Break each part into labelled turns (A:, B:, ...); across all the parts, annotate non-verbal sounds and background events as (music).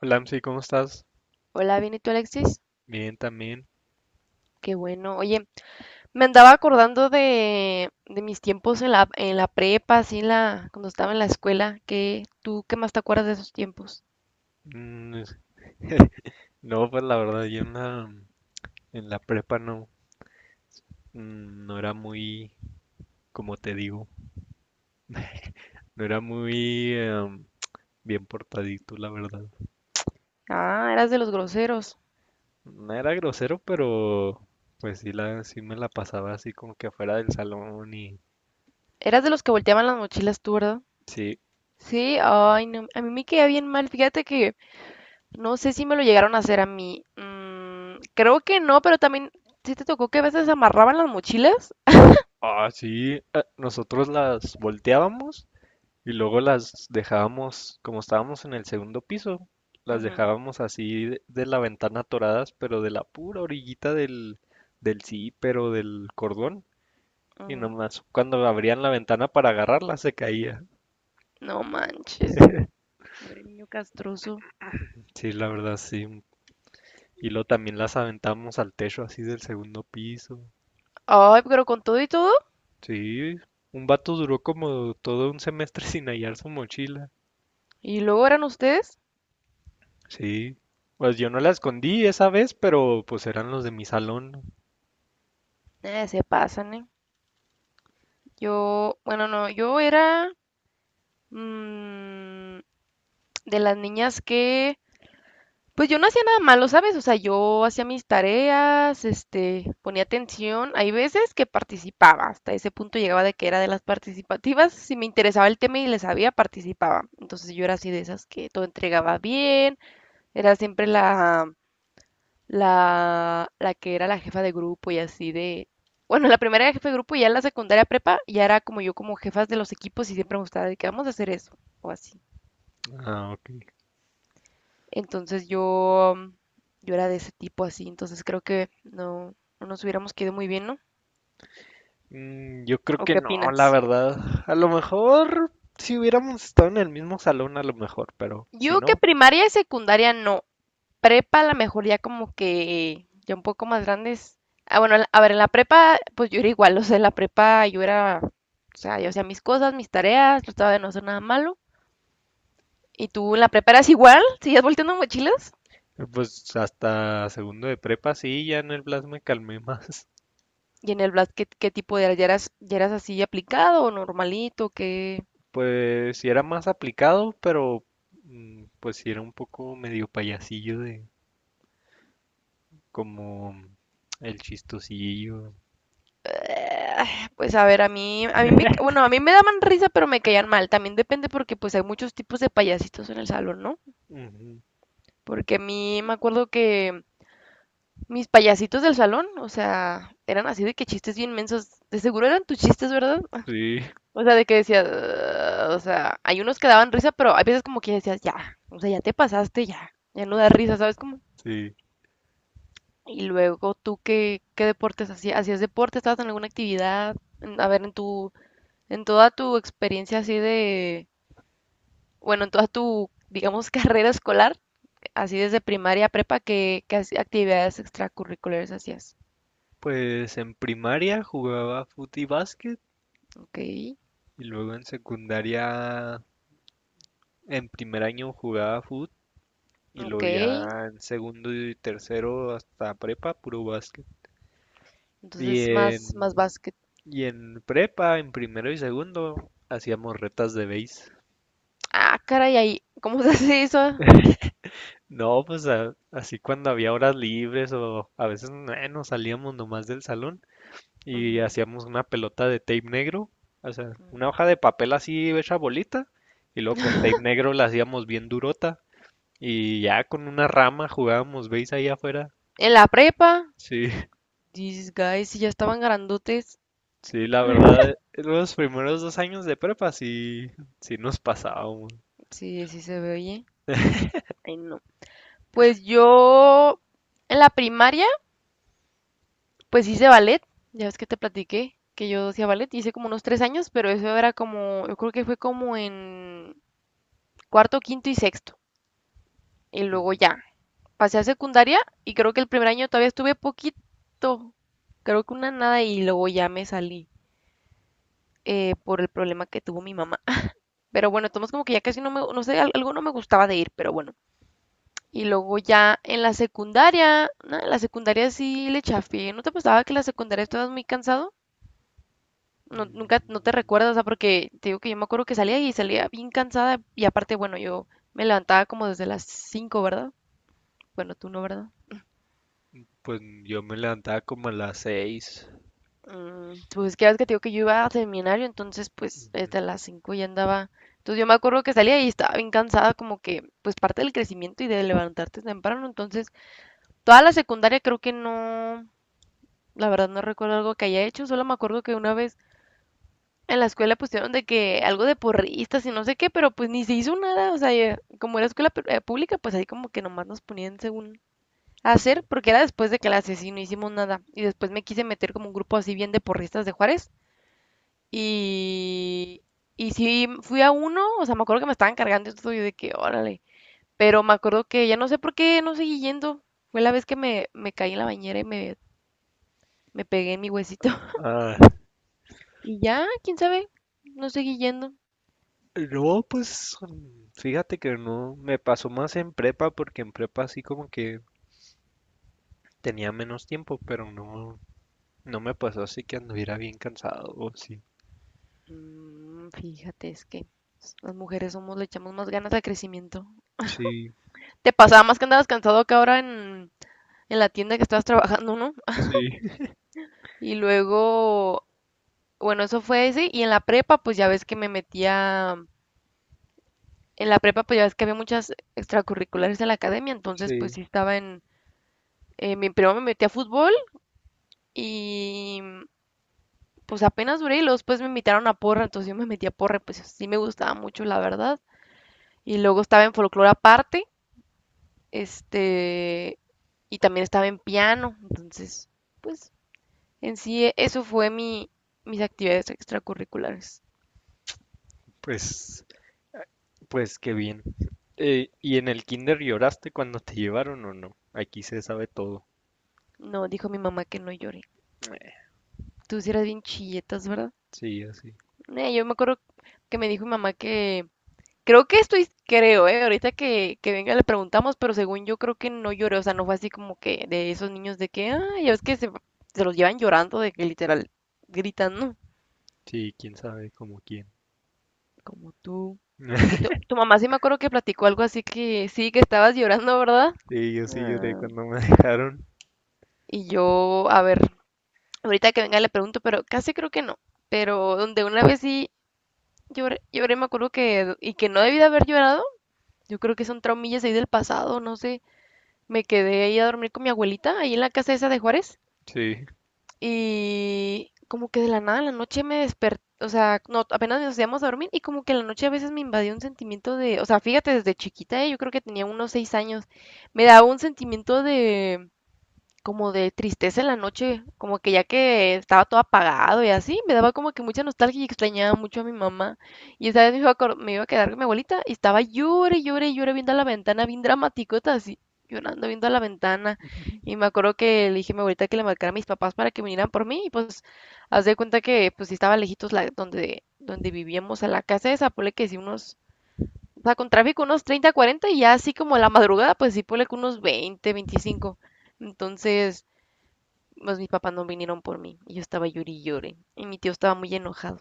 A: Hola, Amsi, ¿cómo estás?
B: Hola, bien, ¿y tú, Alexis?
A: Bien, también.
B: Qué bueno. Oye, me andaba acordando de mis tiempos en la prepa, así en la, cuando estaba en la escuela. ¿Qué, tú qué más te acuerdas de esos tiempos?
A: Mm, es- no, pues la verdad, yo en la prepa no, no era muy, como te digo, no era muy bien portadito, la verdad.
B: Ah, eras de los groseros.
A: No era grosero, pero pues sí, sí me la pasaba así como que afuera del salón y
B: Eras de los que volteaban las mochilas tú, ¿verdad?
A: sí.
B: Sí, ay, no, a mí me quedaba bien mal. Fíjate que no sé si me lo llegaron a hacer a mí. Creo que no, pero también sí te tocó que a veces amarraban las mochilas.
A: Ah, sí, nosotros las volteábamos. Y luego las dejábamos, como estábamos en el segundo piso, las
B: Ujú,
A: dejábamos así de la ventana atoradas, pero de la pura orillita del, del zipper o del cordón. Y
B: ujú.
A: nomás cuando abrían la ventana para agarrarla se caía.
B: No manches, güey, niño castroso.
A: Sí, la verdad, sí. Y luego también las aventamos al techo así del segundo piso.
B: Ay, pero con todo y todo.
A: Sí, un vato duró como todo un semestre (laughs) sin hallar su mochila.
B: ¿Y luego eran ustedes?
A: Sí. Pues yo no la escondí esa vez, pero pues eran los de mi salón.
B: Se pasan, ¿eh? Yo, bueno, no, yo era mm, de las niñas que, pues yo no hacía nada malo, ¿sabes? O sea, yo hacía mis tareas, este, ponía atención. Hay veces que participaba, hasta ese punto llegaba de que era de las participativas. Si me interesaba el tema y le sabía, participaba. Entonces yo era así de esas que todo entregaba bien, era siempre la que era la jefa de grupo y así de... Bueno, la primera era jefa de grupo y ya en la secundaria prepa ya era como yo como jefas de los equipos y siempre me gustaba de que vamos a hacer eso o así.
A: Ah, ok.
B: Entonces yo era de ese tipo así, entonces creo que no nos hubiéramos quedado muy bien, ¿no?
A: Mm, yo creo
B: ¿O
A: que
B: qué
A: no, la
B: opinas?
A: verdad. A lo mejor si hubiéramos estado en el mismo salón, a lo mejor, pero si
B: Yo que
A: no…
B: primaria y secundaria no, prepa, a lo mejor ya como que ya un poco más grandes. Ah, bueno, a ver, en la prepa, pues yo era igual, o sea, en la prepa yo era, o sea, yo hacía mis cosas, mis tareas, trataba de no hacer nada malo. ¿Y tú en la prepa eras igual? ¿Seguías volteando mochilas?
A: Pues hasta segundo de prepa sí, ya en el Blas me calmé más. (laughs)
B: ¿Y en el Blast qué, qué tipo de ya eras así aplicado o normalito? ¿Qué?
A: Pues sí era más aplicado, pero pues sí era un poco medio payasillo de como el chistosillo.
B: Pues a ver, a mí me, ca- bueno, a mí me daban risa, pero me caían mal. También depende porque pues hay muchos tipos de payasitos en el salón, ¿no?
A: Ujú.
B: Porque a mí me acuerdo que mis payasitos del salón, o sea, eran así de que chistes bien mensos. De seguro eran tus chistes, ¿verdad?
A: Sí,
B: O sea, de que decías, "Ugh", o sea, hay unos que daban risa, pero hay veces como que decías, ya, o sea, ya te pasaste, ya, ya no da risa, ¿sabes cómo?
A: sí.
B: Y luego tú, ¿qué, qué deportes hacías? ¿Hacías deporte? ¿Estabas en alguna actividad? En- A ver, en tu, en toda tu experiencia así de, bueno, en toda tu, digamos, (laughs) carrera escolar, así desde primaria a prepa, ¿qué, qué hac- actividades extracurriculares hacías?
A: Pues en primaria jugaba fut y básquet,
B: Ok,
A: y luego en secundaria, en primer año jugaba fútbol. Y lo
B: ok.
A: vi ya en segundo y tercero hasta prepa, puro básquet. Y
B: Entonces, más, más
A: en,
B: básquet.
A: y en prepa, en primero y segundo, hacíamos retas de base.
B: Ah, caray, ahí, ¿cómo (laughs) se hace eso?
A: No, pues así cuando había horas libres o a veces nos salíamos nomás del salón y
B: Ujú.
A: hacíamos una pelota de tape negro, o sea, una hoja de papel así hecha bolita, y luego con tape negro la hacíamos bien durota, y ya con una rama jugábamos base ahí afuera.
B: En la prepa,
A: Sí,
B: these guys, si ya estaban grandotes,
A: sí, la verdad, los primeros dos años de prepa sí, sí nos pasábamos.
B: sí, sí se ve, oye. Ay, no. Pues yo, en la primaria, pues hice ballet. Ya ves que te platiqué que yo hacía ballet. Hice como unos 3 años, pero eso era como, yo creo que fue como en cuarto, quinto y sexto. Y luego
A: Ujú.
B: ya, pasé a secundaria y creo que el primer año todavía estuve poquito. Creo que una nada y luego ya me salí. Por el problema que tuvo mi mamá. (laughs) Pero bueno, tomamos como que ya casi no me, no sé, algo no me gustaba de ir, pero bueno. Y luego ya en la secundaria, no, en la secundaria sí le chafié. ¿No te pasaba que en la secundaria estabas muy cansado? No, nunca, no te
A: Mm,
B: recuerdas, o sea, porque te digo que yo me acuerdo que salía y salía bien cansada y aparte, bueno, yo me levantaba como desde las 5, ¿verdad? Bueno, tú no, ¿verdad?
A: pues yo me levantaba como a las 6.
B: Pues que ya ves que te digo que yo iba a seminario, entonces pues desde las 5 ya andaba. Entonces yo me acuerdo que salía y estaba bien cansada, como que pues parte del crecimiento y de levantarte temprano. Entonces toda la secundaria creo que no, la verdad no recuerdo algo que haya hecho, solo me acuerdo que una vez en la escuela pusieron de que algo de porristas y no sé qué, pero pues ni se hizo nada. O sea, ya- como era escuela pu- pública, pues ahí como que nomás nos ponían según hacer, porque era después de clases y no hicimos nada. Y después me quise meter como un grupo así bien de porristas de Juárez. Y, y sí, fui a uno, o sea, me acuerdo que me estaban cargando y todo, y de que, órale. Pero me acuerdo que ya no sé por qué no seguí yendo. Fue la vez que me caí en la bañera y me pegué en mi huesito. (laughs)
A: Ah,
B: Y ya, quién sabe, no seguí yendo.
A: no, pues fíjate que no, me pasó más en prepa porque en prepa así como que tenía menos tiempo, pero no, no me pasó así que anduviera bien cansado, o sí.
B: Fíjate, es que las mujeres somos, le echamos más ganas al crecimiento.
A: Sí,
B: Te pasaba más que andabas cansado que ahora en la tienda que estabas trabajando, ¿no?
A: sí, (laughs)
B: Y luego, bueno, eso fue ese. Y en la prepa, pues ya ves que me metía en la prepa, pues ya ves que había muchas extracurriculares en la academia, entonces
A: sí.
B: pues sí estaba en... Mi primo me metí a fútbol y pues apenas duré y luego después me invitaron a porra, entonces yo me metí a porra, pues sí me gustaba mucho, la verdad. Y luego estaba en folclore aparte, este, y también estaba en piano, entonces pues en sí eso fue mi, mis actividades extracurriculares.
A: Pues, pues qué bien. ¿Y en el kinder lloraste cuando te llevaron o no? Aquí se sabe todo.
B: No, dijo mi mamá que no lloré. Tú sí eras bien chilletas, ¿verdad?
A: Sí, así.
B: Yo me acuerdo que me dijo mi mamá que creo que estoy, creo, ¿eh? Ahorita que venga le preguntamos, pero según yo creo que no lloré, o sea, no fue así como que de esos niños de que, ah, ya ves que se los llevan llorando, de que literal gritan, ¿no?
A: Sí, quién sabe como quién.
B: Como tú. Y
A: (laughs)
B: tu mamá sí me acuerdo que platicó algo así que sí, que estabas llorando, ¿verdad?
A: Sí, yo sí lloré
B: Ah,
A: cuando me (laughs) dejaron.
B: y yo, a ver, ahorita que venga le pregunto, pero casi creo que no. Pero donde una vez sí lloré, lloré, me acuerdo que, y que no debí de haber llorado, yo creo que son traumillas ahí del pasado, no sé. Me quedé ahí a dormir con mi abuelita, ahí en la casa esa de Juárez,
A: Sí,
B: y como que de la nada en la noche me desperté, o sea, no, apenas nos íbamos a dormir y como que en la noche a veces me invadió un sentimiento de, o sea, fíjate, desde chiquita, yo creo que tenía unos 6 años, me daba un sentimiento de como de tristeza en la noche, como que ya que estaba todo apagado y así, me daba como que mucha nostalgia y extrañaba mucho a mi mamá. Y esa vez me iba a, acor- me iba a quedar con mi abuelita y estaba llore, llore, llore viendo a la ventana, bien dramaticota así, llorando viendo a la ventana. Y me acuerdo que le dije a mi abuelita que le marcara a mis papás para que vinieran por mí y pues haz de cuenta que pues sí estaba lejitos la, donde, donde vivíamos a la casa esa, ponle que sí unos... O sea, con tráfico unos 30, 40 y ya así como la madrugada, pues sí, ponle que unos 20, 25. Entonces, pues mis papás no vinieron por mí y yo estaba llori y llore. Y mi tío estaba muy enojado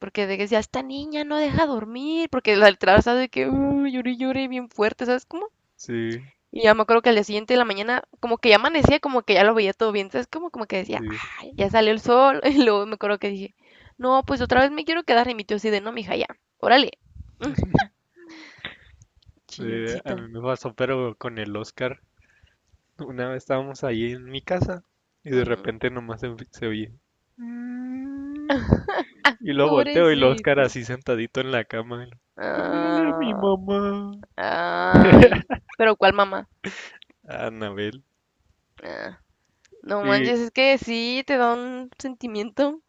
B: porque de que decía, esta niña no deja dormir, porque la letra de que llore y llore bien fuerte, ¿sabes cómo?
A: sí,
B: Y ya me acuerdo que al día siguiente de la mañana, como que ya amanecía, como que ya lo veía todo bien, ¿sabes? Como, como que decía,
A: sí.
B: ay, ya salió el sol. (laughs) Y luego me acuerdo que dije, no, pues otra vez me quiero quedar. Y mi tío así de, no, mija, ya, órale,
A: A
B: chilloncita.
A: mí me pasó, pero con el Oscar. Una vez estábamos ahí en mi casa y de
B: Ujú.
A: repente nomás se oye. "Mm". Y lo volteo y el Oscar
B: Pobrecita.
A: así sentadito en la cama. Y devuélvele a mi
B: Ah,
A: mamá.
B: ay.
A: (laughs)
B: Pero ¿cuál mamá?
A: A Anabel.
B: Ah. No
A: Y
B: manches, es que sí te da un sentimiento.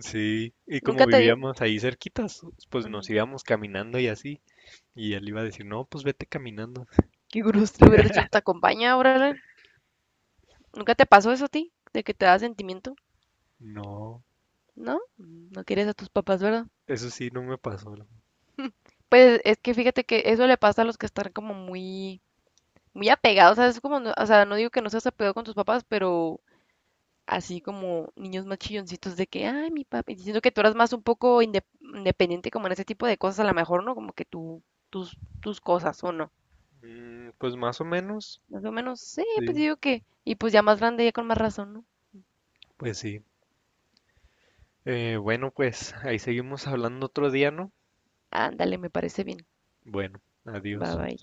A: sí, y como
B: ¿Nunca te dio?
A: vivíamos ahí cerquitas, pues nos
B: Ujú.
A: íbamos caminando y así. Y él iba a decir, no, pues vete caminando.
B: Qué grus, lo hubieras dicho, te acompaña, órale. ¿Nunca te pasó eso a ti? De que te da sentimiento.
A: No,
B: ¿No? No quieres a tus papás, ¿verdad?
A: eso sí, no me pasó.
B: Pues es que fíjate que eso le pasa a los que están como muy, muy apegados. O sea, es como, no- o sea, no digo que no seas apegado con tus papás, pero así como niños más chilloncitos de que, ay, mi papi. Diciendo que tú eras más un poco inde- independiente como en ese tipo de cosas, a lo mejor, ¿no? Como que tú, tus, tus cosas, ¿o no?
A: Mm, pues más o menos,
B: Más o menos, sí, pues
A: sí,
B: digo que. Y pues ya más grande, ya con más razón, ¿no?
A: pues sí. Bueno, pues ahí seguimos hablando otro día, ¿no?
B: Ándale, me parece bien.
A: Bueno,
B: Bye
A: adiós.
B: bye.